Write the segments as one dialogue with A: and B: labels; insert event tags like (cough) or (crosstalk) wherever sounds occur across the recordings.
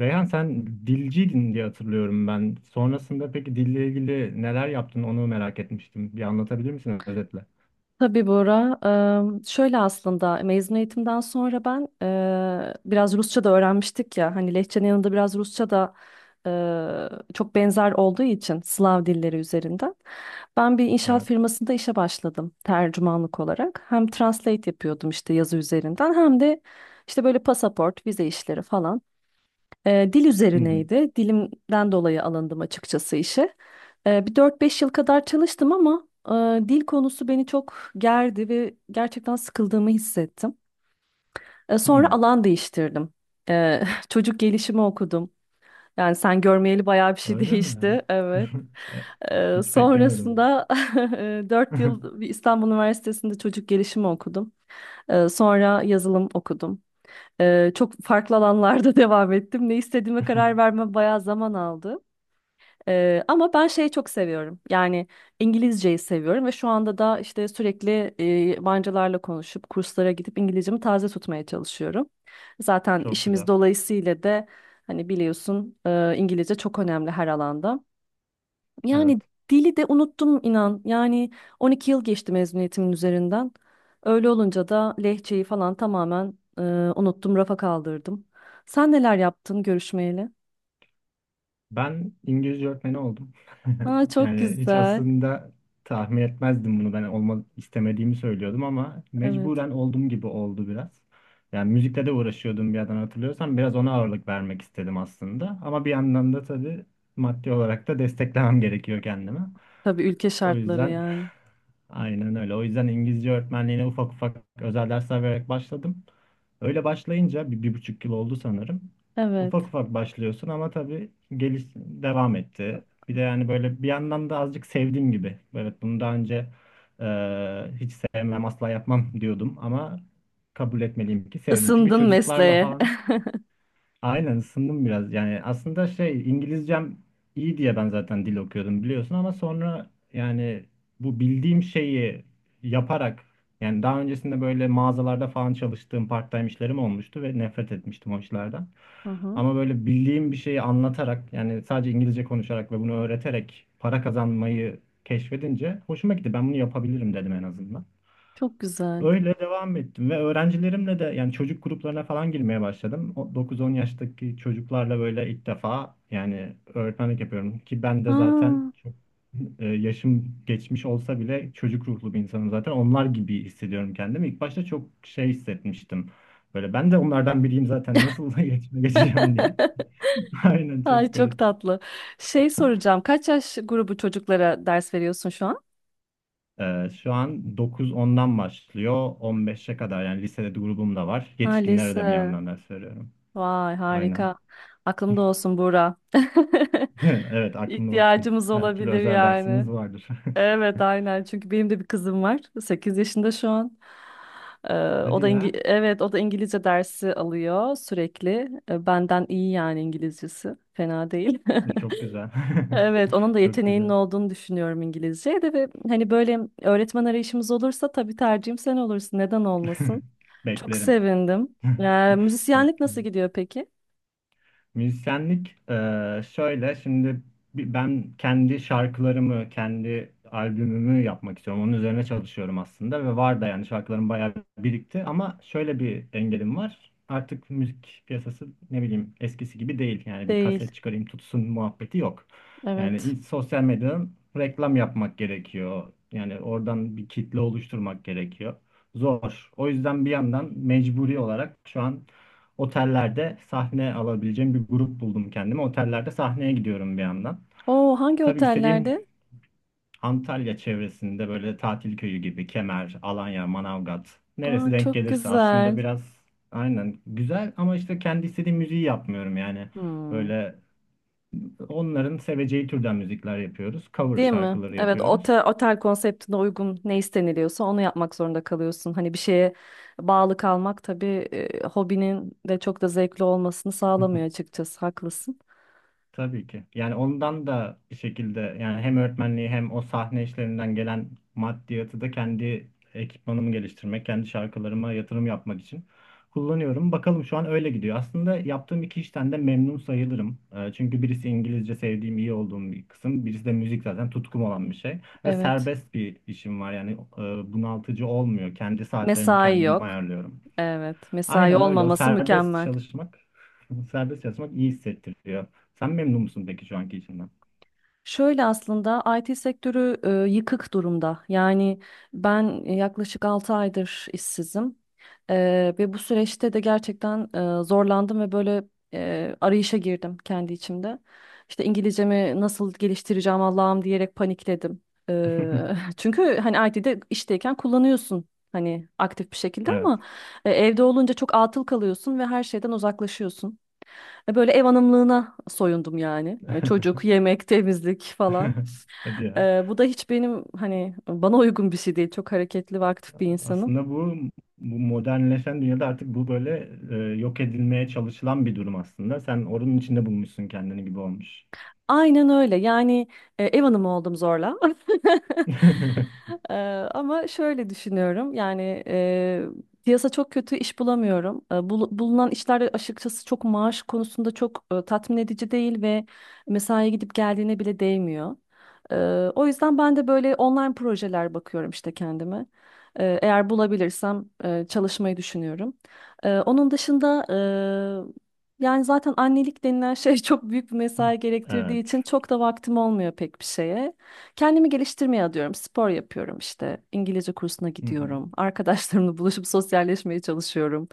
A: Reyhan sen dilciydin diye hatırlıyorum ben. Sonrasında peki dille ilgili neler yaptın onu merak etmiştim. Bir anlatabilir misin özetle?
B: Tabii Bora. Şöyle aslında mezun eğitimden sonra ben biraz Rusça da öğrenmiştik ya. Hani Lehçe'nin yanında biraz Rusça da eee, çok benzer olduğu için Slav dilleri üzerinden. Ben bir inşaat
A: Evet.
B: firmasında işe başladım tercümanlık olarak. Hem translate yapıyordum işte yazı üzerinden hem de işte böyle pasaport, vize işleri falan. Dil
A: Hı hı.
B: üzerineydi. Dilimden dolayı alındım açıkçası işe. Bir 4-5 yıl kadar çalıştım ama dil konusu beni çok gerdi ve gerçekten sıkıldığımı hissettim. Sonra
A: Hı.
B: alan değiştirdim. Ee, (laughs) çocuk gelişimi okudum. Yani sen görmeyeli bayağı bir şey (laughs)
A: Öyle mi?
B: değişti. Evet.
A: (laughs) E, Hiç beklemiyordum
B: Sonrasında (laughs) 4
A: bunu.
B: yıl bir İstanbul Üniversitesi'nde çocuk gelişimi okudum. Sonra yazılım okudum. Çok farklı alanlarda (laughs) devam ettim. Ne istediğime karar
A: (laughs)
B: verme bayağı zaman aldı. Ama ben şeyi çok seviyorum. Yani İngilizceyi seviyorum ve şu anda da işte sürekli yabancılarla konuşup kurslara gidip İngilizcemi taze tutmaya çalışıyorum. Zaten
A: Çok
B: işimiz
A: güzel.
B: dolayısıyla da hani biliyorsun İngilizce çok önemli her alanda.
A: Evet.
B: Yani dili de unuttum inan. Yani 12 yıl geçti mezuniyetimin üzerinden. Öyle olunca da lehçeyi falan tamamen unuttum, rafa kaldırdım. Sen neler yaptın görüşmeyle?
A: Ben İngilizce öğretmeni oldum. (laughs)
B: Aa, çok
A: Yani hiç
B: güzel.
A: aslında tahmin etmezdim bunu. Ben olmak istemediğimi söylüyordum ama
B: Evet.
A: mecburen olduğum gibi oldu biraz. Yani müzikle de uğraşıyordum bir yandan hatırlıyorsan. Biraz ona ağırlık vermek istedim aslında. Ama bir yandan da tabii maddi olarak da desteklemem gerekiyor kendime.
B: Tabii ülke
A: O
B: şartları
A: yüzden
B: yani.
A: aynen öyle. O yüzden İngilizce öğretmenliğine ufak ufak özel dersler vererek başladım. Öyle başlayınca bir, bir buçuk yıl oldu sanırım.
B: Evet.
A: Ufak ufak başlıyorsun ama tabii geliş devam etti. Bir de yani böyle bir yandan da azıcık sevdiğim gibi. Evet bunu daha önce e, hiç sevmem asla yapmam diyordum ama kabul etmeliyim ki sevdim. Çünkü
B: Isındın
A: çocuklarla
B: mesleğe.
A: falan.
B: (laughs)
A: Aynen ısındım biraz. Yani aslında şey İngilizcem iyi diye ben zaten dil okuyordum biliyorsun ama sonra yani bu bildiğim şeyi yaparak yani daha öncesinde böyle mağazalarda falan çalıştığım part-time işlerim olmuştu ve nefret etmiştim o işlerden.
B: Hı hı.
A: Ama böyle bildiğim bir şeyi anlatarak yani sadece İngilizce konuşarak ve bunu öğreterek para kazanmayı keşfedince hoşuma gitti. Ben bunu yapabilirim dedim en azından.
B: Çok güzel.
A: Öyle devam ettim ve öğrencilerimle de yani çocuk gruplarına falan girmeye başladım. O 9-10 yaştaki çocuklarla böyle ilk defa yani öğretmenlik yapıyorum ki ben de zaten
B: Aa.
A: çok yaşım geçmiş olsa bile çocuk ruhlu bir insanım zaten. Onlar gibi hissediyorum kendimi. İlk başta çok şey hissetmiştim. Böyle ben de onlardan biriyim zaten nasıl (laughs) iletişime geçeceğim diye.
B: (laughs)
A: (laughs) Aynen
B: Ay
A: çok garip.
B: çok tatlı. Şey soracağım. Kaç yaş grubu çocuklara ders veriyorsun şu an?
A: Şu an 9-10'dan başlıyor 15'e kadar yani lisede de grubum da var.
B: Ha
A: Yetişkinlere de bir
B: lise.
A: yandan ders veriyorum.
B: Vay
A: Aynen.
B: harika. Aklımda olsun Buğra. (laughs)
A: (laughs) Evet aklında olsun.
B: İhtiyacımız
A: Her türlü
B: olabilir
A: özel
B: yani.
A: dersiniz vardır.
B: Evet, aynen, çünkü benim de bir kızım var. 8 yaşında şu an.
A: (laughs) Hadi ya.
B: Evet, o da İngilizce dersi alıyor sürekli. Benden iyi yani İngilizcesi. Fena değil. (laughs)
A: Çok güzel.
B: Evet, onun da
A: (laughs) Çok
B: yeteneğinin
A: güzel.
B: olduğunu düşünüyorum İngilizce'ye de, ve hani böyle öğretmen arayışımız olursa tabii tercihim sen olursun. Neden olmasın?
A: (laughs)
B: Çok
A: Beklerim.
B: sevindim.
A: (laughs)
B: Müzisyenlik nasıl
A: Beklerim.
B: gidiyor peki?
A: Müzisyenlik şöyle şimdi ben kendi şarkılarımı, kendi albümümü yapmak istiyorum. Onun üzerine çalışıyorum aslında ve var da yani şarkılarım bayağı birikti ama şöyle bir engelim var. Artık müzik piyasası ne bileyim eskisi gibi değil. Yani bir
B: Değil.
A: kaset çıkarayım tutsun muhabbeti yok. Yani
B: Evet.
A: sosyal medyadan reklam yapmak gerekiyor. Yani oradan bir kitle oluşturmak gerekiyor. Zor. O yüzden bir yandan mecburi olarak şu an otellerde sahne alabileceğim bir grup buldum kendime. Otellerde sahneye gidiyorum bir yandan.
B: Oo, hangi
A: Tabii istediğim
B: otellerde?
A: Antalya çevresinde böyle tatil köyü gibi Kemer, Alanya, Manavgat
B: Aa,
A: neresi denk
B: çok
A: gelirse aslında
B: güzel.
A: biraz aynen güzel ama işte kendi istediğim müziği yapmıyorum yani.
B: Hmm.
A: Böyle onların seveceği türden müzikler yapıyoruz. Cover
B: Değil mi?
A: şarkıları
B: Evet, otel,
A: yapıyoruz.
B: otel konseptine uygun ne isteniliyorsa onu yapmak zorunda kalıyorsun. Hani bir şeye bağlı kalmak tabii hobinin de çok da zevkli olmasını sağlamıyor
A: (laughs)
B: açıkçası. Haklısın.
A: Tabii ki. Yani ondan da bir şekilde yani hem öğretmenliği hem o sahne işlerinden gelen maddiyatı da kendi ekipmanımı geliştirmek, kendi şarkılarıma yatırım yapmak için kullanıyorum. Bakalım şu an öyle gidiyor. Aslında yaptığım iki işten de memnun sayılırım. Çünkü birisi İngilizce sevdiğim, iyi olduğum bir kısım. Birisi de müzik zaten tutkum olan bir şey. Ve
B: Evet.
A: serbest bir işim var. Yani bunaltıcı olmuyor. Kendi saatlerimi
B: Mesai
A: kendim
B: yok.
A: ayarlıyorum.
B: Evet, mesai
A: Aynen öyle. O
B: olmaması
A: serbest
B: mükemmel.
A: çalışmak, (laughs) serbest çalışmak iyi hissettiriyor. Sen memnun musun peki şu anki işinden?
B: Şöyle aslında IT sektörü yıkık durumda. Yani ben yaklaşık 6 aydır işsizim. E, Ve bu süreçte de gerçekten zorlandım ve böyle arayışa girdim kendi içimde. İşte İngilizcemi nasıl geliştireceğim Allah'ım diyerek panikledim. (laughs)
A: (laughs)
B: Çünkü hani IT'de işteyken kullanıyorsun hani aktif bir şekilde
A: Evet.
B: ama evde olunca çok atıl kalıyorsun ve her şeyden uzaklaşıyorsun. Böyle ev hanımlığına soyundum yani. Çocuk,
A: (laughs)
B: yemek, temizlik falan.
A: Hadi ya.
B: Bu da hiç benim hani bana uygun bir şey değil. Çok hareketli ve aktif bir insanım.
A: Aslında bu modernleşen dünyada artık bu böyle yok edilmeye çalışılan bir durum aslında. Sen oranın içinde bulmuşsun kendini gibi olmuş.
B: Aynen öyle. Yani ev hanımı oldum zorla. (laughs)
A: (laughs)
B: Ee, Ama şöyle düşünüyorum yani piyasa çok kötü, iş bulamıyorum. Bulunan işler de açıkçası çok maaş konusunda çok tatmin edici değil ve mesaiye gidip geldiğine bile değmiyor. Ee, O yüzden ben de böyle online projeler bakıyorum işte kendime. Eğer bulabilirsem çalışmayı düşünüyorum. Onun dışında yani zaten annelik denilen şey (laughs) çok büyük bir mesai gerektirdiği için
A: Evet.
B: çok da vaktim olmuyor pek bir şeye. Kendimi geliştirmeye adıyorum. Spor yapıyorum işte. İngilizce kursuna
A: Hı hı.
B: gidiyorum. (laughs) Arkadaşlarımla buluşup sosyalleşmeye çalışıyorum.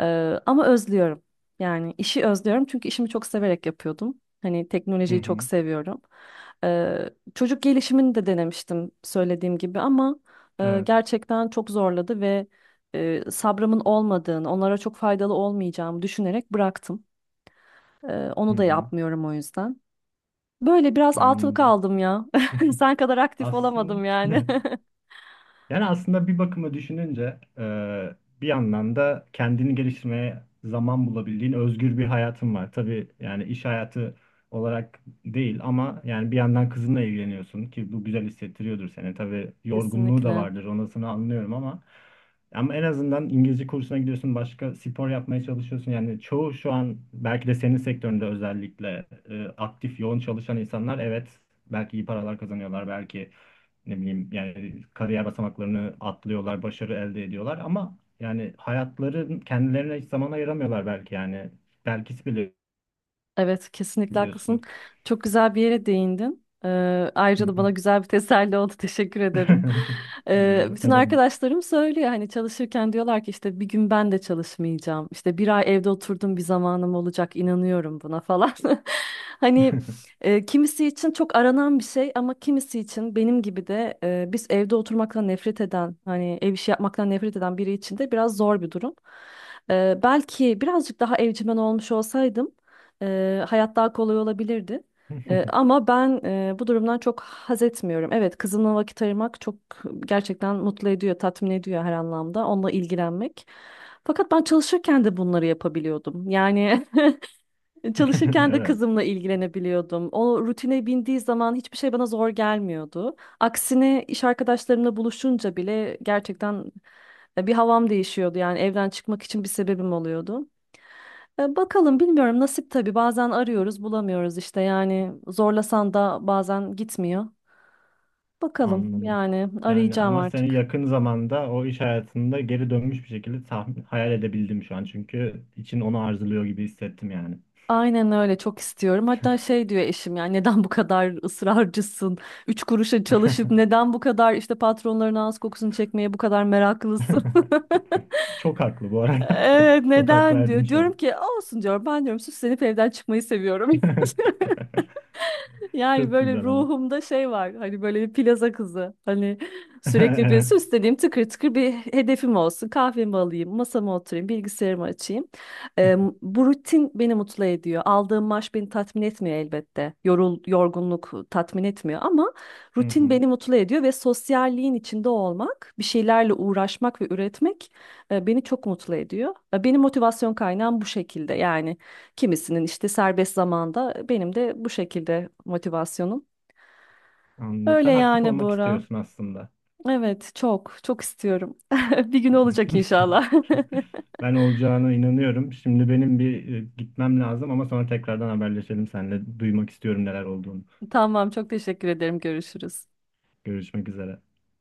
B: Ee, Ama özlüyorum. Yani işi özlüyorum çünkü işimi çok severek yapıyordum. Hani
A: Hı
B: teknolojiyi çok
A: hı.
B: seviyorum. Ee, Çocuk gelişimini de denemiştim söylediğim gibi ama
A: Evet.
B: gerçekten çok zorladı ve sabrımın olmadığını, onlara çok faydalı olmayacağımı düşünerek bıraktım.
A: Hı
B: Onu da
A: hı.
B: yapmıyorum o yüzden. Böyle biraz atıl
A: Anladım.
B: kaldım ya. (laughs) Sen kadar aktif
A: Aslında
B: olamadım yani.
A: (laughs)
B: (laughs)
A: yani aslında bir bakıma düşününce bir yandan da kendini geliştirmeye zaman bulabildiğin özgür bir hayatın var. Tabii yani iş hayatı olarak değil ama yani bir yandan kızınla evleniyorsun ki bu güzel hissettiriyordur seni. Tabii yorgunluğu da
B: Kesinlikle.
A: vardır onasını anlıyorum ama en azından İngilizce kursuna gidiyorsun, başka spor yapmaya çalışıyorsun. Yani çoğu şu an belki de senin sektöründe özellikle aktif, yoğun çalışan insanlar evet belki iyi paralar kazanıyorlar, belki ne bileyim yani kariyer basamaklarını atlıyorlar, başarı elde ediyorlar ama yani hayatları kendilerine hiç zaman ayıramıyorlar belki yani. Belki bile
B: Evet, kesinlikle haklısın.
A: biliyorsun.
B: Çok güzel bir yere değindin.
A: Hı
B: Ayrıca da
A: hı.
B: bana güzel bir teselli oldu. (laughs) Teşekkür ederim.
A: (laughs)
B: Bütün
A: Ne demek?
B: arkadaşlarım söylüyor hani çalışırken, diyorlar ki işte bir gün ben de çalışmayacağım. İşte bir ay evde oturdum, bir zamanım olacak. İnanıyorum buna falan. (laughs) Hani
A: (laughs)
B: kimisi için çok aranan bir şey ama kimisi için benim gibi de biz evde oturmaktan nefret eden, hani ev işi yapmaktan nefret eden biri için de biraz zor bir durum. Belki birazcık daha evcimen olmuş olsaydım. Hayat daha kolay olabilirdi. Ama ben Bu durumdan çok haz etmiyorum. Evet, kızımla vakit ayırmak çok gerçekten mutlu ediyor, tatmin ediyor her anlamda. Onunla ilgilenmek. Fakat ben çalışırken de bunları yapabiliyordum. Yani (laughs) çalışırken de
A: Evet,
B: kızımla ilgilenebiliyordum. O rutine bindiği zaman hiçbir şey bana zor gelmiyordu. Aksine iş arkadaşlarımla buluşunca bile gerçekten bir havam değişiyordu. Yani evden çıkmak için bir sebebim oluyordu. Bakalım, bilmiyorum, nasip tabii, bazen arıyoruz bulamıyoruz işte, yani zorlasan da bazen gitmiyor. Bakalım
A: anladım.
B: yani,
A: Yani
B: arayacağım
A: ama seni
B: artık.
A: yakın zamanda o iş hayatında geri dönmüş bir şekilde tahmin, hayal edebildim şu an. Çünkü için onu arzuluyor gibi hissettim yani.
B: Aynen öyle, çok istiyorum. Hatta şey diyor eşim, yani neden bu kadar ısrarcısın? Üç kuruşa çalışıp neden bu kadar işte patronların ağız kokusunu çekmeye bu kadar meraklısın? (laughs)
A: (laughs) Çok haklı bu arada.
B: Evet
A: (laughs) Çok hak
B: neden
A: verdim
B: diyor.
A: şu
B: Diyorum
A: an.
B: ki olsun diyorum, ben diyorum süslenip evden çıkmayı seviyorum. (laughs)
A: (laughs)
B: Yani
A: Çok
B: böyle
A: güzel ama.
B: ruhumda şey var. Hani böyle bir plaza kızı. Hani sürekli bir
A: (laughs) Evet.
B: süsleneyim, tıkır tıkır bir hedefim olsun. Kahvemi alayım, masama oturayım, bilgisayarımı açayım. Eee, Bu rutin beni mutlu ediyor. Aldığım maaş beni tatmin etmiyor elbette. Yorgunluk tatmin etmiyor ama
A: Hı
B: rutin
A: hı.
B: beni mutlu ediyor ve sosyalliğin içinde olmak, bir şeylerle uğraşmak ve üretmek beni çok mutlu ediyor. Benim motivasyon kaynağım bu şekilde. Yani kimisinin işte serbest zamanda, benim de bu şekilde motivasyonum.
A: Anladım.
B: Öyle
A: Sen aktif
B: yani
A: olmak
B: Bora.
A: istiyorsun aslında.
B: Evet çok çok istiyorum. (laughs) Bir gün olacak inşallah.
A: (laughs) Ben olacağına inanıyorum. Şimdi benim bir gitmem lazım ama sonra tekrardan haberleşelim seninle. Duymak istiyorum neler olduğunu.
B: (laughs) Tamam çok teşekkür ederim. Görüşürüz.
A: Görüşmek üzere.